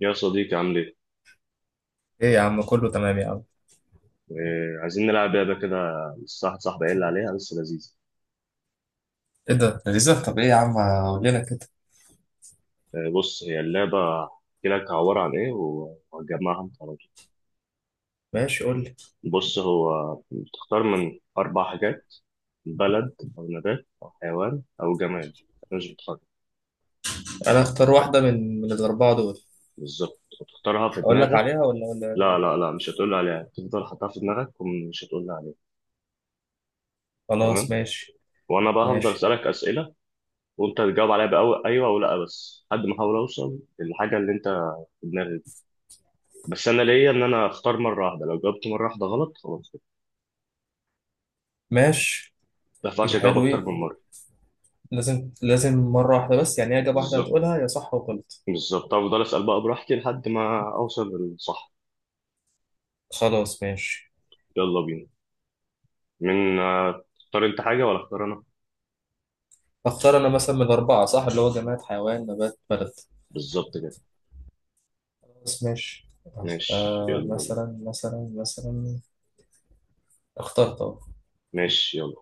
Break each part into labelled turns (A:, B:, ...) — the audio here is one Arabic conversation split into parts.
A: يا صديقي عامل ايه؟
B: ايه يا عم، كله تمام يا عم.
A: عايزين نلعب لعبة كده. لسه واحد صاحبي قال لي عليها، لسه لذيذة.
B: ايه ده لذيذة؟ طب ايه يا عم، قول لنا كده.
A: بص، هي اللعبة هحكي لك عبارة عن ايه، وهتجمعها انت على طول.
B: ماشي قول لي.
A: بص، هو بتختار من أربع حاجات: بلد أو نبات أو حيوان أو جماد. مش بتفكر،
B: انا اختار واحده من الاربعه دول.
A: بالظبط، وتختارها في
B: اقول لك
A: دماغك.
B: عليها ولا
A: لا لا لا، مش هتقول لي عليها، تفضل حاطها في دماغك ومش هتقول لي عليها.
B: خلاص
A: تمام؟
B: ماشي،
A: وأنا بقى هفضل
B: ماشي،
A: أسألك أسئلة، وأنت تجاوب عليها بأيوه أو لأ، بس لحد ما أحاول أوصل للحاجة اللي أنت في دماغك. بس انا ليا ان انا اختار مره واحده، لو جاوبت مره واحده غلط خلاص كده.
B: ماشي.
A: ما ينفعش
B: إيه؟
A: اجاوب
B: حلو،
A: اكتر
B: ايه.
A: من مره.
B: لازم مره واحده بس، يعني اجابه واحده
A: بالظبط.
B: هتقولها يا صح وغلط.
A: بالظبط، افضل اسال بقى براحتي لحد ما اوصل للصح.
B: خلاص ماشي.
A: يلا بينا. من تختار انت حاجه ولا اختار انا؟
B: اختار انا مثلا من الاربعه، صح؟ اللي هو جماد، حيوان، نبات، بلد.
A: بالظبط كده.
B: خلاص ماشي.
A: ماشي يلا.
B: مثلا. اخترت اهو.
A: ماشي يلا.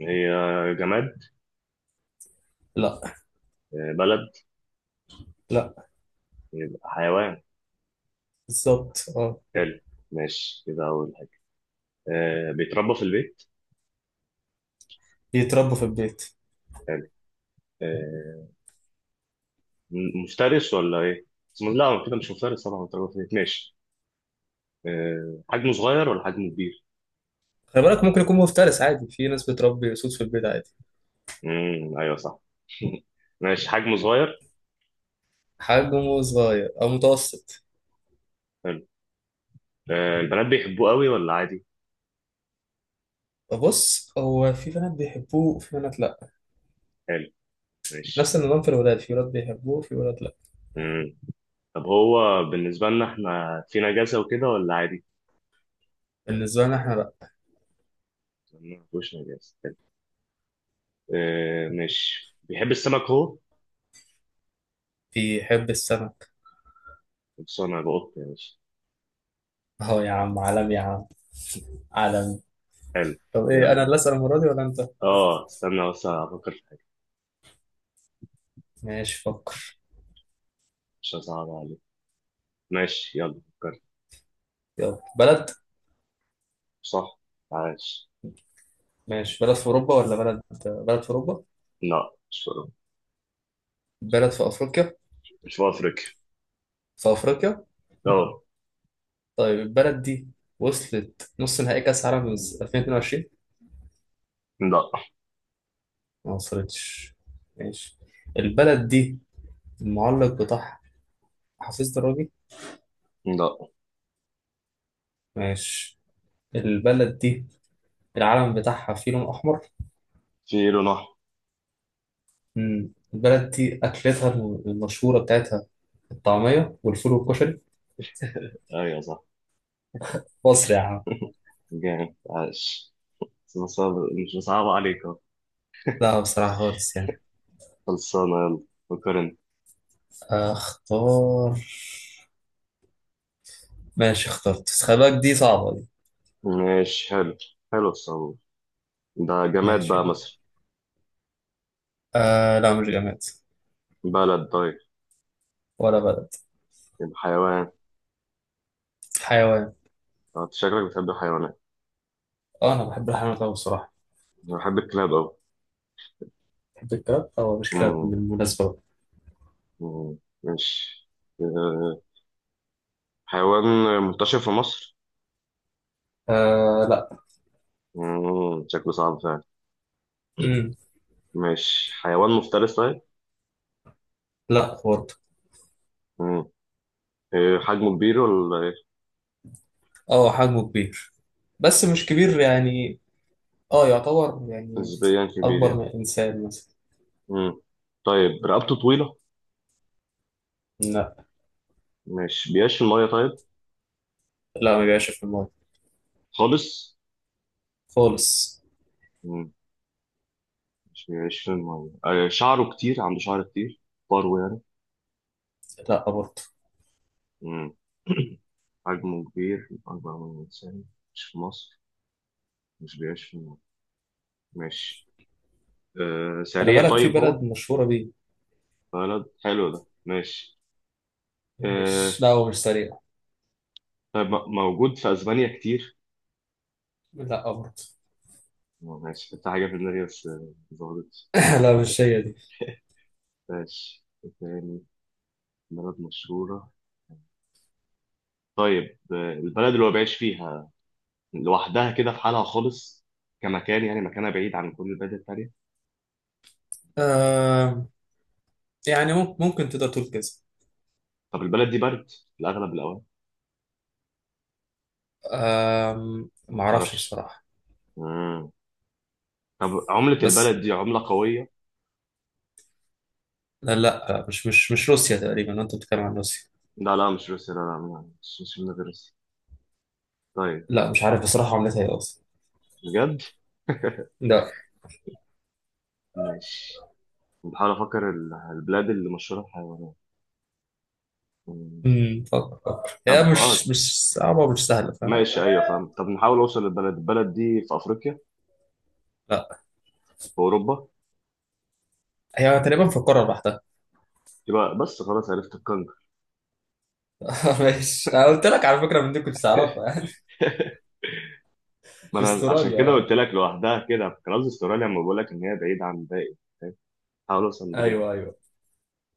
A: هي جماد.
B: لا،
A: بلد.
B: لا.
A: يبقى حيوان.
B: بالظبط، اه.
A: حلو. ماشي كده، اول حاجه، بيتربى في البيت.
B: يتربوا في البيت.
A: حلو. آه، مفترس ولا ايه؟ لا هو كده مش مفترس طبعا، بيتربى في البيت. ماشي. حجمه صغير ولا حجمه كبير؟
B: خلي بالك، ممكن يكون مفترس عادي، في ناس بتربي اسود في البيت عادي.
A: ايوه صح. ماشي، حجمه صغير.
B: حجمه صغير او متوسط.
A: حلو. البنات بيحبوه قوي ولا عادي؟
B: بص، هو في بنات بيحبوه وفي بنات لا.
A: حلو.
B: نفس
A: ماشي.
B: النظام في الولاد، في ولاد بيحبوه وفي ولاد لا.
A: امم طب هو بالنسبة لنا احنا في نجاسة وكده ولا عادي؟
B: بالنسبه لنا احنا لا.
A: ما فيهوش نجاسة. حلو. ماشي، بيحب السمك هو.
B: بيحب السمك.
A: بص انا بقط، ماشي.
B: اهو يا عم، عالم يا عم. عالم.
A: حلو.
B: طب ايه، انا
A: يلا.
B: اللي اسال المره دي ولا انت؟
A: اه، استنى بس افكر في حاجة.
B: ماشي فكر.
A: مش هصعب عليك. ماشي يلا، فكرت.
B: يلا، بلد.
A: صح. عاش.
B: ماشي، بلد في اوروبا ولا بلد في اوروبا؟
A: لا، مش في أوروبا.
B: بلد في افريقيا؟
A: مش في افريقيا.
B: في افريقيا.
A: اه.
B: طيب البلد دي وصلت نص نهائي كاس عالم 2022؟
A: لا
B: ما وصلتش، ماشي. البلد دي المعلق بتاعها حافظ دراجي؟
A: لا،
B: ماشي، البلد دي العلم بتاعها فيه لون أحمر؟
A: في لون احمر.
B: مم. البلد دي أكلتها المشهورة بتاعتها الطعمية والفول والكشري.
A: ايوه صح.
B: مصر يا عم.
A: جامد، عاش. بس مش مصعب عليك أهو.
B: لا بصراحة خالص يعني.
A: خلصانة يلا. وكرن.
B: أختار. ماشي اخترت، بس خلي بالك دي صعبة دي.
A: ماشي حلو. حلو الصعوبة. ده جماد
B: ماشي
A: بقى
B: يلا.
A: مثلا.
B: لا، مش جماد.
A: بلد طيب.
B: ولا بلد.
A: يبقى حيوان.
B: حيوان.
A: أنت شكلك بتحب الحيوانات.
B: اه، أنا بحب الحيوانات أوي بصراحة.
A: أنا بحب الكلاب أوي.
B: بحب الكلاب، أو مش كلاب
A: مم.
B: بالمناسبة.
A: مم. ماشي. آه، حيوان منتشر في مصر.
B: آه، لا.
A: مم. شكله صعب فعلا.
B: مم.
A: ماشي، حيوان مفترس طيب.
B: لا خالص.
A: مم. حجمه كبير ولا إيه؟
B: اه، حجمه كبير، بس مش كبير يعني، اه يعتبر يعني.
A: نسبيا كبير
B: اكبر
A: يعني.
B: من انسان مثلا.
A: مم. طيب رقبته طويلة.
B: لا.
A: مش بيعيش في المية طيب.
B: لا، ما بيبقاش في المايه.
A: خالص.
B: خالص.
A: مم. مش بيعيش في المية. شعره كتير، عنده شعر كتير، فرو يعني.
B: لا برضه.
A: مم. حجمه كبير، أكبر من الإنسان، مش في مصر، مش بيعيش في المية. ماشي. آه
B: خلي
A: سريع
B: بالك في
A: طيب هو؟
B: بلد مشهورة بيه.
A: بلد، حلو ده، ماشي. آه.
B: مش، لا هو مش سريع.
A: طيب، موجود في أسبانيا كتير.
B: لا برضه.
A: ماشي، كنت حاجة في دماغي بس ظهرت.
B: لا، مش هي دي.
A: ماشي، إيه تاني؟ بلد مشهورة. طيب، البلد اللي هو بيعيش فيها لوحدها كده في حالها خالص، كمكان يعني، مكانها بعيد عن كل البلد التانية.
B: آم، يعني ممكن تقدر تقول كذا.
A: طب البلد دي برد في الأغلب الأوقات؟ ما
B: ما اعرفش
A: بتعرفش.
B: بصراحة.
A: مم. طب عملة
B: بس،
A: البلد دي عملة قوية؟
B: لا لا، مش روسيا، تقريبا انت بتتكلم عن روسيا.
A: لا لا، مش روسيا. لا لا، مش من غير روسيا. طيب.
B: لا مش عارف بصراحة عملتها ايه اصلا.
A: بجد؟
B: لا.
A: ماشي. بحاول أفكر البلاد اللي مشهورة بالحيوانات. مم.
B: فكر فكر. هي
A: طب
B: مش
A: اه،
B: مش صعبة، مش سهلة، فاهم؟
A: ماشي. أيوه فاهم. طب نحاول أوصل للبلد. البلد دي في أفريقيا؟
B: لا،
A: في أوروبا؟
B: هي تقريبا في القارة لوحدها.
A: يبقى بس خلاص، عرفت، الكنغر.
B: ماشي، انا قلت لك على فكرة من دي كنت تعرفها يعني.
A: ما
B: في
A: أنا عشان
B: استراليا،
A: كده قلت
B: اه.
A: لك لوحدها كده، كان قصدي استراليا، لما بقول لك إن هي بعيدة عن الباقي. فاهم؟ حاول أوصل لكده.
B: ايوه، ايوه.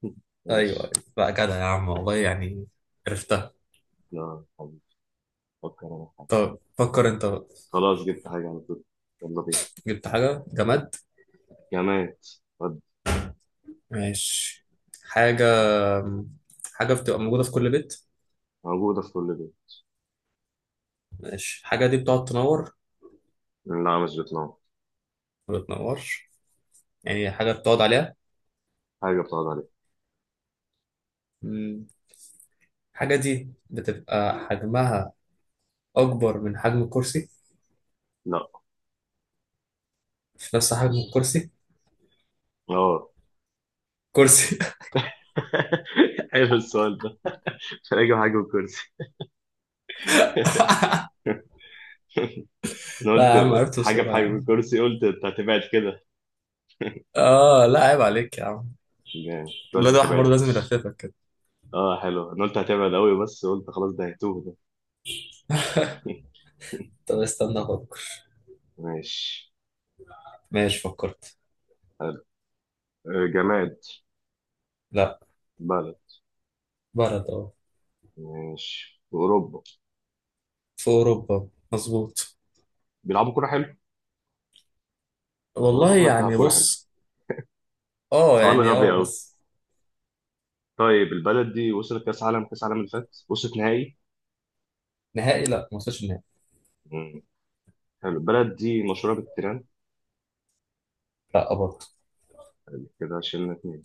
B: ايوه، ايوه.
A: ماشي.
B: لا جدع يا عم والله يعني. عرفتها.
A: لا، فكر انا في حاجة.
B: طب فكر انت بقى.
A: خلاص، جبت حاجة على طول. يلا بينا.
B: جبت حاجة جماد؟
A: جماد. طب.
B: ماشي. حاجة. حاجة بتبقى موجودة في كل بيت.
A: موجودة في كل بيت.
B: ماشي، الحاجة دي بتقعد تنور؟
A: لا، مش بتنام.
B: ما بتنورش. يعني حاجة بتقعد عليها.
A: حاجة بتقعد عليها.
B: مم. الحاجة دي بتبقى حجمها أكبر من حجم الكرسي؟
A: لا.
B: في نفس حجم الكرسي؟
A: اه.
B: كرسي.
A: حلو السؤال ده. مش هلاقي حاجة بالكرسي. انا
B: لا
A: قلت
B: يا عم، عرفت
A: حاجة، في
B: بسرعة يا
A: حاجة
B: عم.
A: بالكرسي، قلت انت هتبعد كده.
B: اه، لا عيب عليك يا عم.
A: جامد، بس
B: الواد
A: انت
B: واحد برضه
A: بعدت.
B: لازم يلففك كده.
A: اه، حلو، انا قلت هتبعد قوي، بس قلت خلاص ده هيتوه ده.
B: طب استنى افكر.
A: ماشي
B: ماشي فكرت.
A: حلو. جماد.
B: لا.
A: بلد.
B: بلد، اه.
A: ماشي، في اوروبا.
B: في اوروبا، مظبوط.
A: بيلعبوا كورة. حلو.
B: والله
A: اوروبا كلها بتلعب
B: يعني
A: كورة. حلو.
B: بص. اه
A: سؤال
B: يعني،
A: غبي
B: اه
A: قوي.
B: بس.
A: طيب البلد دي وصلت كاس عالم اللي فات، وصلت نهائي.
B: نهائي؟ لا، ما وصلش النهائي.
A: مم. حلو. البلد دي مشهوره بالتيران.
B: لا برضه.
A: كده شلنا اتنين.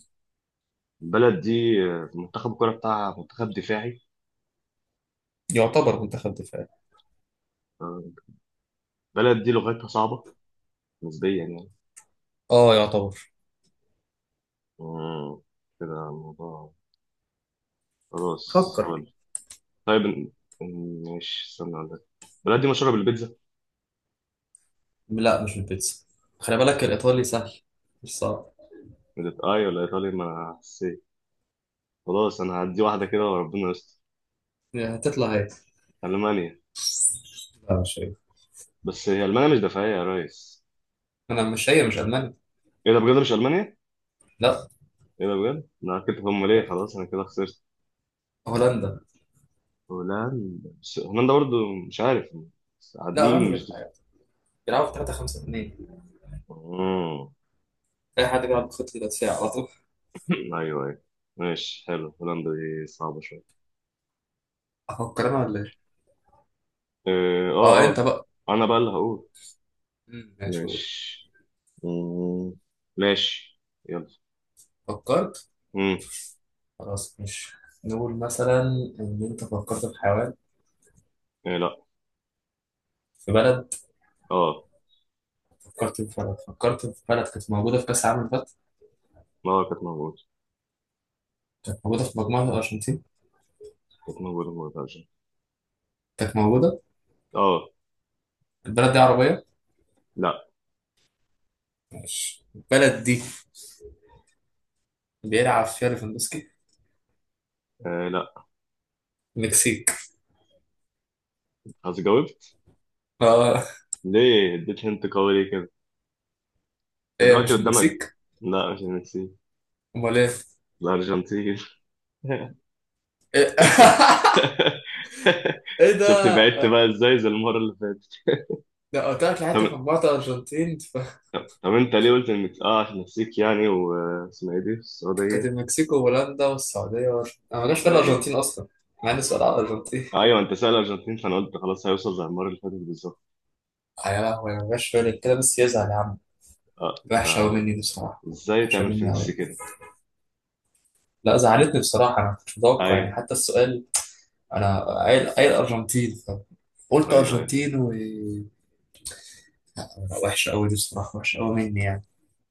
A: البلد دي، منتخب الكوره بتاعها منتخب دفاعي.
B: يعتبر منتخب دفاعي.
A: آه، البلد دي لغتها صعبه، نسبيا يعني.
B: اه، يعتبر.
A: مم. كده الموضوع خلاص
B: فكر.
A: هقول. طيب ماشي استنى اقول لك. البلد دي مشهوره بالبيتزا.
B: لا، مش البيتزا. خلي بالك الايطالي سهل. مش صعب.
A: اي، ولا ايطاليا ما حسيت. خلاص انا هدي واحده كده وربنا يستر.
B: يعني هتطلع هي؟
A: المانيا.
B: لا، مش هي.
A: بس هي المانيا مش دفاعيه يا ريس.
B: انا، مش هي، مش المانيا.
A: ايه ده، بجد مش المانيا؟
B: لا.
A: ايه ده بجد؟ انا اكلت فهم
B: لا.
A: ليه، خلاص انا كده خسرت.
B: هولندا.
A: هولندا، بس هولندا برضو مش عارف، بس
B: لا،
A: قاعدين
B: هولندا
A: مش دف...
B: دفاعية. بيلعبوا 3-5-2.
A: آه.
B: اي حد بيلعب بخطة دفاع.
A: ايوه ايوه. ماشي حلو، هولندا دي صعبة شوية.
B: أفكر أنا ولا إيه؟
A: اه
B: أه
A: اه.
B: أنت
A: آه.
B: بقى.
A: انا بقى اللي هقول.
B: مم، ماشي قول.
A: ماشي. مم. ماشي يلا.
B: فكرت.
A: مم.
B: خلاص، مش. نقول مثلا. إن أنت فكرت في حيوان؟
A: إيه لا.
B: في بلد.
A: اه.
B: فكرت في بلد كانت موجودة في كأس العالم اللي فات.
A: اه كانت موجودة.
B: كانت موجودة في مجموعة الأرجنتين.
A: كانت موجودة ما قلتهاش.
B: كانت موجودة.
A: اه.
B: البلد دي عربية؟
A: لا.
B: ماشي، البلد دي بيلعب فيها ليفاندوسكي؟
A: آه لا.
B: المكسيك؟
A: خلاص، جاوبت.
B: أه.
A: ليه اديت هنت قوي ليه كده؟
B: إيه؟
A: دلوقتي
B: مش
A: قدامك.
B: المكسيك؟
A: لا، مش النسيج.
B: أمال إيه؟
A: الأرجنتين.
B: إيه؟ إيه ده؟
A: شفت بعدت
B: آه،
A: بقى ازاي زي المرة اللي فاتت.
B: ده قلت لك لعبت في
A: طب
B: مجموعة الأرجنتين
A: طب انت ليه قلت انك اه عشان نسيك يعني، واسمها ايه دي في
B: كانت
A: السعودية؟
B: المكسيك وهولندا والسعودية أنا ما جاش في
A: آه
B: بالي
A: ايه.
B: الأرجنتين أصلا. مع إني سؤال على الأرجنتين.
A: ايوه، انت سأل الارجنتين، فانا قلت خلاص هيوصل زي المرة اللي فاتت بالظبط.
B: آه، يا لهوي، أنا ما جاش في بالي كده، بس يزعل يا عم.
A: اه انت.
B: وحشة أوي مني دي بصراحة.
A: ازاي
B: وحشة
A: تعمل في
B: مني
A: نفسي
B: أوي.
A: كده؟
B: لا، زعلتني بصراحة، أنا ما كنتش متوقع يعني
A: ايوه
B: حتى السؤال. أنا. قايل أرجنتين. قلت
A: ايوه ايوه.
B: أرجنتين و. لا، وحشة أوي دي بصراحة، وحشة أوي مني يعني.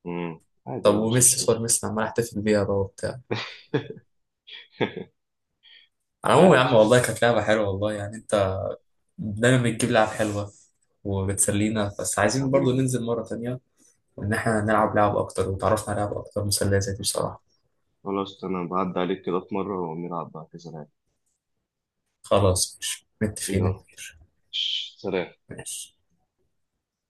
A: امم عادي
B: طب
A: بقى، مش
B: وميسي،
A: مشكلة.
B: صور ميسي عمال احتفل بيها بقى وبتاع. على العموم
A: عادي،
B: يا عم
A: مش
B: والله،
A: مشكلة.
B: كانت لعبة حلوة والله يعني، أنت دايما بتجيب لعب حلوة وبتسلينا، بس عايزين برضو
A: حبيبي.
B: ننزل مرة تانية، إن إحنا نلعب لعب أكتر، وتعرفنا على لعب أكتر مسلية زي دي بصراحة.
A: خلاص انا بعدي عليك كده في مرة، ونلعب بقى كذا لعبة.
B: خلاص ماشي، متفقين يا
A: يلا.
B: كبير.
A: سلام.
B: ماشي